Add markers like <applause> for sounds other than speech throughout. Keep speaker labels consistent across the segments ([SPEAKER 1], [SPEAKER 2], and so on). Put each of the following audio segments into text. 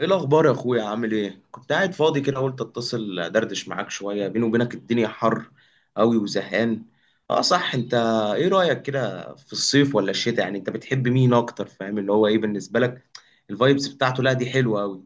[SPEAKER 1] ايه الاخبار يا اخويا؟ عامل ايه؟ كنت قاعد فاضي كده، قلت اتصل دردش معاك شويه. بيني وبينك الدنيا حر قوي وزهقان. اه صح، انت ايه رايك كده في الصيف ولا الشتاء؟ يعني انت بتحب مين اكتر؟ فاهم اللي هو ايه بالنسبه لك الفايبس بتاعته؟ لا دي حلوه قوي.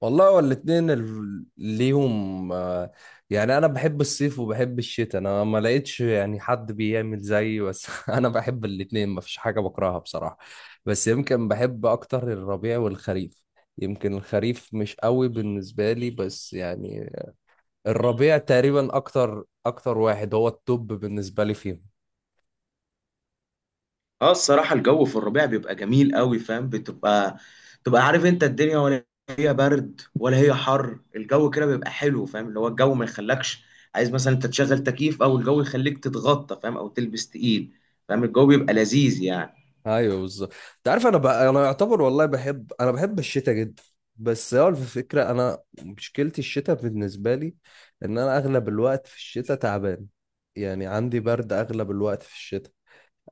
[SPEAKER 2] والله هو الاتنين ليهم. يعني انا بحب الصيف وبحب الشتاء. انا ما لقيتش يعني حد بيعمل زيي بس <laughs> انا بحب الاتنين، ما فيش حاجة بكرهها بصراحة. بس يمكن بحب اكتر الربيع والخريف. يمكن الخريف مش قوي بالنسبة لي بس يعني الربيع تقريبا اكتر اكتر واحد هو التوب بالنسبة لي فيهم.
[SPEAKER 1] اه الصراحة الجو في الربيع بيبقى جميل قوي، فاهم؟ بتبقى عارف انت الدنيا، ولا هي برد ولا هي حر. الجو كده بيبقى حلو، فاهم اللي هو الجو ما يخلكش عايز مثلا انت تشغل تكييف، او الجو يخليك تتغطى، فاهم؟ او تلبس تقيل، فاهم؟ الجو بيبقى لذيذ يعني.
[SPEAKER 2] ايوه بالظبط. انت عارف، انا بقى انا يعتبر والله بحب، انا بحب الشتاء جدا. بس هو الفكره، انا مشكلتي الشتاء بالنسبه لي ان انا اغلب الوقت في الشتاء تعبان. يعني عندي برد اغلب الوقت في الشتاء.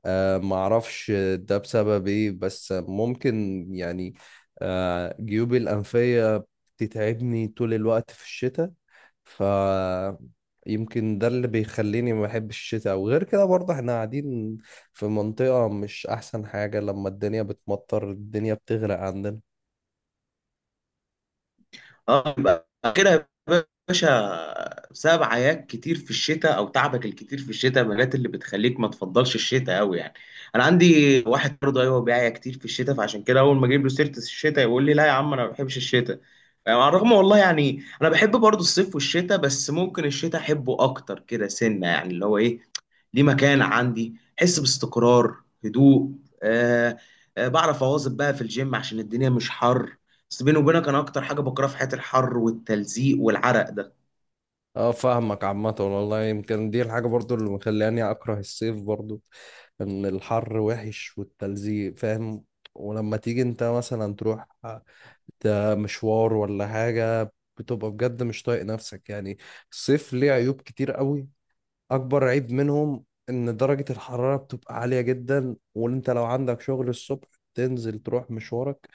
[SPEAKER 2] معرفش ده بسبب ايه، بس ممكن يعني جيوبي الأنفية بتتعبني طول الوقت في الشتاء. ف يمكن ده اللي بيخليني ما بحبش الشتاء. وغير كده برضه احنا قاعدين في منطقة مش أحسن حاجة، لما الدنيا بتمطر الدنيا بتغرق عندنا.
[SPEAKER 1] اه، يبقى اخرها يا باشا بسبب عياك كتير في الشتاء او تعبك الكتير في الشتاء، مالات اللي بتخليك ما تفضلش الشتاء قوي يعني. انا عندي واحد برضه ايوه بيعيا كتير في الشتاء، فعشان كده اول ما اجيب له سيره الشتاء يقول لي لا يا عم انا ما بحبش الشتاء. يعني على الرغم والله يعني انا بحب برضه الصيف والشتاء، بس ممكن الشتاء احبه اكتر كده سنه، يعني اللي هو ايه، ليه مكان عندي حس باستقرار، هدوء. آه. آه بعرف اواظب بقى في الجيم عشان الدنيا مش حر. بس بيني وبينك انا اكتر حاجه بكرهها في حياتي الحر والتلزيق والعرق ده.
[SPEAKER 2] اه فاهمك. عامة والله يمكن دي الحاجة برضو اللي مخلاني أكره الصيف برضو، إن الحر وحش والتلزيق فاهم. ولما تيجي أنت مثلا تروح ده مشوار ولا حاجة بتبقى بجد مش طايق نفسك يعني. الصيف ليه عيوب كتير قوي. اكبر عيب منهم ان درجة الحرارة بتبقى عالية جدا، وان انت لو عندك شغل الصبح تنزل تروح مشوارك،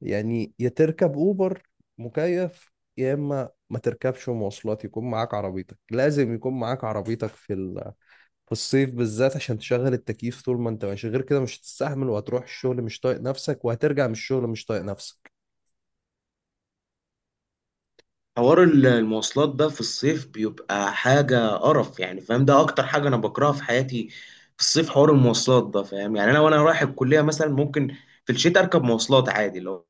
[SPEAKER 2] يعني يا تركب اوبر مكيف، يا اما ما تركبش مواصلات يكون معاك عربيتك. لازم يكون معاك عربيتك في الصيف بالذات عشان تشغل التكييف طول ما انت ماشي، غير كده مش هتستحمل وهتروح الشغل مش طايق نفسك وهترجع من الشغل مش طايق نفسك.
[SPEAKER 1] حوار المواصلات ده في الصيف بيبقى حاجه قرف يعني، فاهم؟ ده اكتر حاجه انا بكرهها في حياتي في الصيف، حوار المواصلات ده فاهم؟ يعني انا وانا رايح الكليه مثلا ممكن في الشتاء اركب مواصلات عادي، لو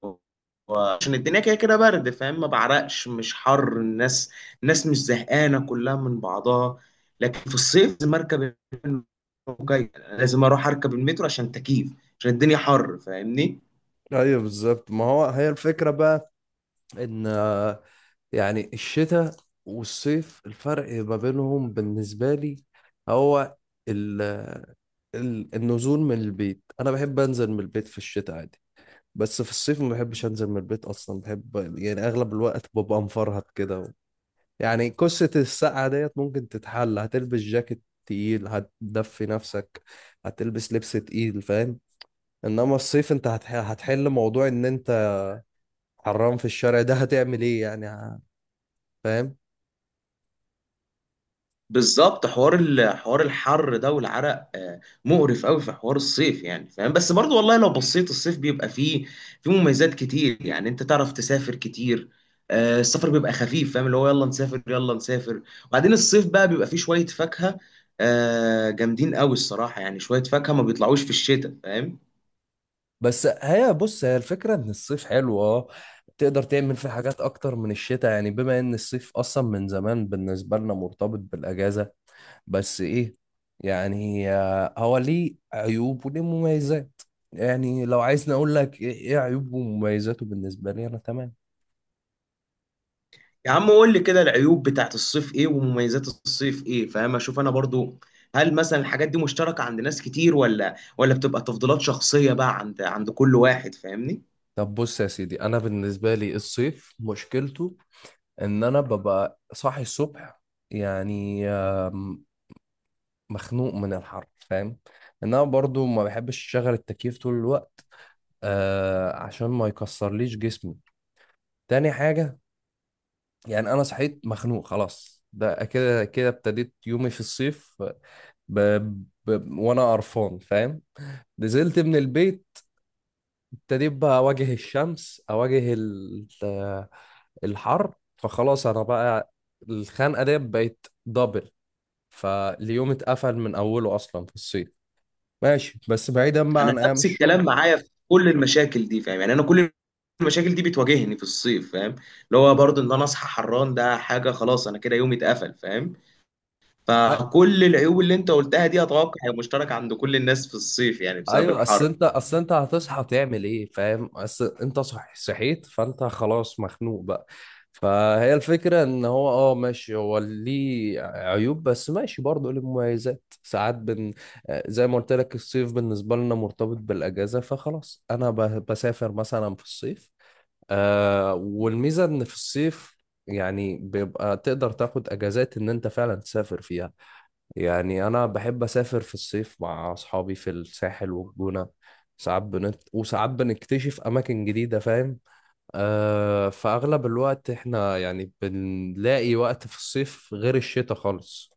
[SPEAKER 1] عشان الدنيا كده كده برد، فاهم؟ ما بعرقش، مش حر. الناس مش زهقانه كلها من بعضها. لكن في الصيف لازم اركب الموجة. لازم اروح اركب المترو عشان تكييف، عشان الدنيا حر، فاهمني؟
[SPEAKER 2] ايوه بالظبط. ما هو هي الفكرة بقى ان يعني الشتاء والصيف الفرق ما بينهم بالنسبة لي هو ال ال النزول من البيت. أنا بحب أنزل من البيت في الشتاء عادي، بس في الصيف ما بحبش أنزل من البيت أصلا، بحب يعني أغلب الوقت ببقى مفرهد كده يعني قصة السقعة ديت ممكن تتحل، هتلبس جاكيت تقيل هتدفي نفسك، هتلبس لبس تقيل فاهم. إنما الصيف أنت هتحل موضوع إن أنت حران في الشارع، ده هتعمل إيه يعني فاهم.
[SPEAKER 1] بالظبط حوار حوار الحر ده والعرق آه، مقرف قوي في حوار الصيف يعني، فاهم؟ بس برضو والله لو بصيت الصيف بيبقى فيه مميزات كتير. يعني انت تعرف تسافر كتير، آه، السفر بيبقى خفيف، فاهم اللي هو يلا نسافر يلا نسافر. وبعدين الصيف بقى بيبقى فيه شوية فاكهة آه، جامدين قوي الصراحة. يعني شوية فاكهة ما بيطلعوش في الشتاء، فاهم؟
[SPEAKER 2] بس هي بص هي الفكرة ان الصيف حلو اه، تقدر تعمل فيه حاجات اكتر من الشتاء، يعني بما ان الصيف اصلا من زمان بالنسبة لنا مرتبط بالاجازة. بس ايه، يعني هو ليه عيوب وليه مميزات. يعني لو عايزني اقول لك ايه، إيه عيوبه ومميزاته بالنسبة لي انا تمام.
[SPEAKER 1] يا عم قول لي كده العيوب بتاعت الصيف ايه، ومميزات الصيف ايه، فاهم؟ اشوف انا برضو هل مثلا الحاجات دي مشتركة عند ناس كتير، ولا بتبقى تفضيلات شخصية بقى عند كل واحد، فاهمني؟
[SPEAKER 2] طب بص يا سيدي، انا بالنسبة لي الصيف مشكلته ان انا ببقى صاحي الصبح يعني مخنوق من الحر فاهم. انما برضو ما بحبش اشغل التكييف طول الوقت عشان ما يكسرليش جسمي. تاني حاجة، يعني انا صحيت مخنوق خلاص، ده كده كده ابتديت يومي في الصيف ب... وانا قرفان فاهم. نزلت من البيت ابتديت بقى اواجه الشمس، اواجه ال... آه، الحر. فخلاص انا بقى الخنقة دي بقت دبل، فاليوم اتقفل من اوله اصلا في الصيف. ماشي بس بعيدا بقى
[SPEAKER 1] انا
[SPEAKER 2] عن ايام
[SPEAKER 1] نفس
[SPEAKER 2] الشغل.
[SPEAKER 1] الكلام معايا في كل المشاكل دي، فاهم؟ يعني انا كل المشاكل دي بتواجهني في الصيف، فاهم؟ اللي هو برضو ان انا اصحى حران، ده حاجة خلاص انا كده يومي اتقفل، فاهم؟
[SPEAKER 2] أ-
[SPEAKER 1] فكل العيوب اللي انت قلتها دي اتوقع هي مشتركة عند كل الناس في الصيف يعني بسبب
[SPEAKER 2] ايوه، اصل
[SPEAKER 1] الحر.
[SPEAKER 2] انت اصل انت هتصحى تعمل ايه فاهم. اصل انت صحيت فانت خلاص مخنوق بقى. فهي الفكرة ان هو اه ماشي، هو ليه عيوب بس ماشي برضه ليه مميزات ساعات زي ما قلت لك الصيف بالنسبة لنا مرتبط بالاجازة، فخلاص انا بسافر مثلا في الصيف. آه والميزة ان في الصيف يعني بيبقى تقدر تاخد اجازات ان انت فعلا تسافر فيها. يعني أنا بحب أسافر في الصيف مع أصحابي في الساحل والجونة، ساعات بنت وساعات بنكتشف أماكن جديدة فاهم. آه فأغلب الوقت إحنا يعني بنلاقي وقت في الصيف غير الشتاء خالص.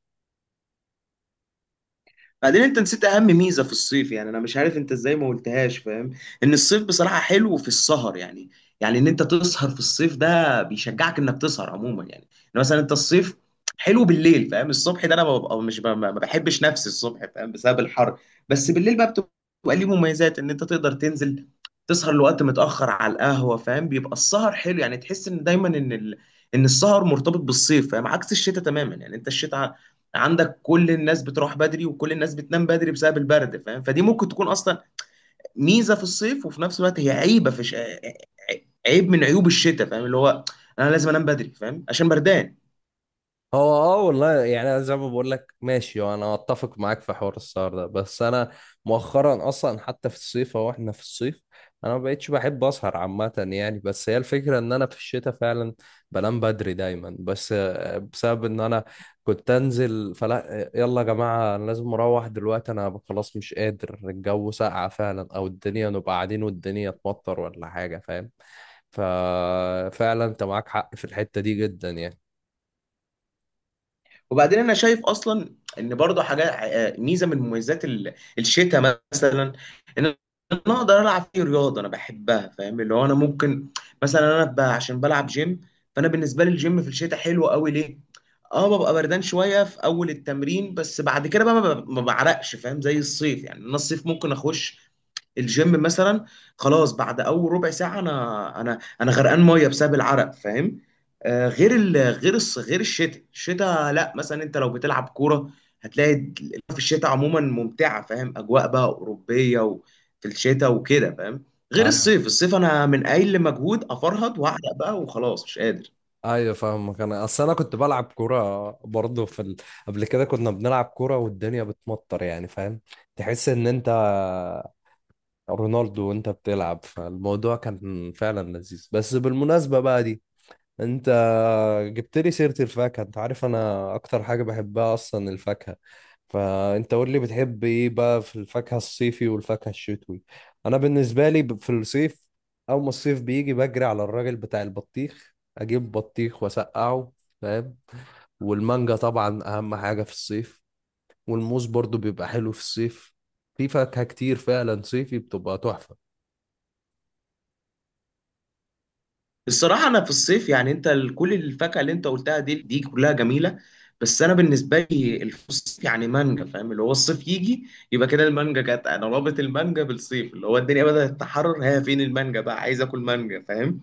[SPEAKER 1] بعدين انت نسيت اهم ميزه في الصيف، يعني انا مش عارف انت ازاي ما قلتهاش، فاهم؟ ان الصيف بصراحه حلو في السهر يعني. يعني ان انت تسهر في الصيف ده بيشجعك انك تسهر عموما يعني. ان مثلا انت الصيف حلو بالليل، فاهم؟ الصبح ده انا ببقى مش ما بحبش نفسي الصبح، فاهم؟ بسبب الحر. بس بالليل بقى بتبقى ليه مميزات ان انت تقدر تنزل تسهر لوقت متاخر على القهوه، فاهم؟ بيبقى السهر حلو، يعني تحس ان دايما ان ان السهر مرتبط بالصيف، فاهم؟ عكس الشتاء تماما. يعني انت الشتاء عندك كل الناس بتروح بدري وكل الناس بتنام بدري بسبب البرد، فاهم؟ فدي ممكن تكون اصلا ميزه في الصيف وفي نفس الوقت هي عيبه في عيب من عيوب الشتاء، فاهم اللي هو انا لازم انام بدري، فاهم؟ عشان بردان.
[SPEAKER 2] هو اه والله يعني انا زي ما بقول لك ماشي، وانا اتفق معاك في حوار السهر ده. بس انا مؤخرا اصلا حتى في الصيف اهو احنا في الصيف انا ما بقتش بحب اسهر عامه يعني. بس هي الفكره ان انا في الشتاء فعلا بنام بدري دايما، بس بسبب ان انا كنت انزل فلا يلا يا جماعه انا لازم اروح دلوقتي انا خلاص مش قادر، الجو ساقع فعلا، او الدنيا نبقى قاعدين والدنيا تمطر ولا حاجه فاهم. ففعلا انت معاك حق في الحته دي جدا يعني.
[SPEAKER 1] وبعدين انا شايف اصلا ان برضه حاجه آه، ميزه من مميزات الشتاء مثلا، ان انا اقدر العب فيه رياضه انا بحبها، فاهم اللي هو انا ممكن مثلا عشان بلعب جيم، فانا بالنسبه لي الجيم في الشتاء حلو قوي. ليه؟ اه ببقى بردان شويه في اول التمرين، بس بعد كده بقى ما بعرقش، فاهم؟ زي الصيف يعني، انا الصيف ممكن اخش الجيم مثلا، خلاص بعد اول ربع ساعه انا غرقان ميه بسبب العرق، فاهم؟ آه غير غير غير الشتاء. الشتاء لا، مثلا انت لو بتلعب كوره هتلاقي في الشتاء عموما ممتعه، فاهم؟ اجواء بقى اوروبيه وفي الشتاء وكده، فاهم؟ غير
[SPEAKER 2] أيوة.
[SPEAKER 1] الصيف. الصيف انا من اقل مجهود افرهد واعرق بقى وخلاص مش قادر.
[SPEAKER 2] ايوه فاهمك. انا اصل انا كنت بلعب كوره برضه قبل كده كنا بنلعب كوره والدنيا بتمطر يعني فاهم، تحس ان انت رونالدو وانت بتلعب، فالموضوع كان فعلا لذيذ. بس بالمناسبه بقى دي، انت جبت لي سيرة الفاكهة، انت عارف انا اكتر حاجة بحبها اصلا الفاكهة. فانت قول لي بتحب ايه بقى في الفاكهة الصيفي والفاكهة الشتوي. انا بالنسبة لي في الصيف اول ما الصيف بيجي بجري على الراجل بتاع البطيخ اجيب بطيخ واسقعه فاهم. والمانجا طبعا اهم حاجة في الصيف، والموز برضو بيبقى حلو في الصيف. في فاكهة كتير فعلا صيفي بتبقى تحفة.
[SPEAKER 1] الصراحة أنا في الصيف يعني أنت كل الفاكهة اللي أنت قلتها دي كلها جميلة. بس أنا بالنسبة لي الصيف يعني مانجا، فاهم اللي هو الصيف يجي يبقى كده المانجا جت. أنا رابط المانجا بالصيف، اللي هو الدنيا بدأت تتحرر هي فين المانجا بقى، عايز آكل مانجا، فاهم؟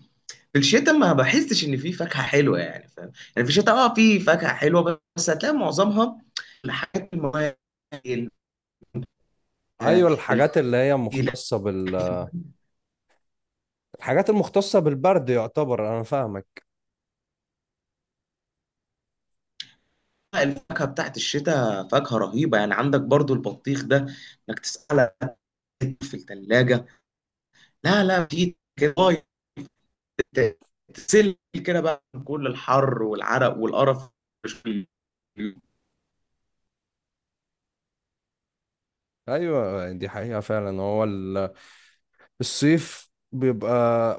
[SPEAKER 1] في الشتاء ما بحسش إن في فاكهة حلوة يعني، فاهم؟ يعني في الشتاء أه في فاكهة حلوة بس هتلاقي معظمها الحاجات المواد ال- آه،
[SPEAKER 2] ايوه
[SPEAKER 1] ال-
[SPEAKER 2] الحاجات اللي هي مختصة بال الحاجات المختصة بالبرد يعتبر، انا فاهمك.
[SPEAKER 1] الفاكهة بتاعت الشتاء فاكهة رهيبة. يعني عندك برضو البطيخ ده، إنك تسأل في التلاجة، لا لا في كده لغاية ت- تسل كده بقى من كل الحر والعرق والقرف. <laughs>
[SPEAKER 2] ايوه دي حقيقة فعلا. هو الصيف بيبقى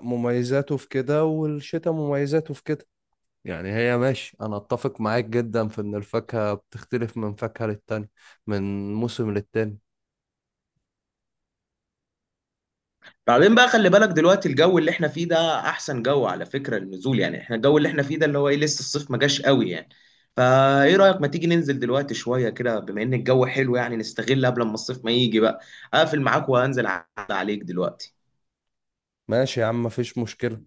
[SPEAKER 2] مميزاته في كده والشتاء مميزاته في كده. يعني هي ماشي انا اتفق معاك جدا في ان الفاكهة بتختلف من فاكهة للتانية، من موسم للتاني.
[SPEAKER 1] بعدين بقى خلي بالك دلوقتي الجو اللي احنا فيه ده احسن جو على فكرة للنزول. يعني احنا الجو اللي احنا فيه ده اللي هو ايه، لسه الصيف ما جاش قوي يعني. فايه رأيك ما تيجي ننزل دلوقتي شوية كده بما ان الجو حلو؟ يعني نستغل قبل ما الصيف ما يجي بقى. اقفل معاك وانزل عليك دلوقتي.
[SPEAKER 2] ماشي يا عم مفيش مشكلة.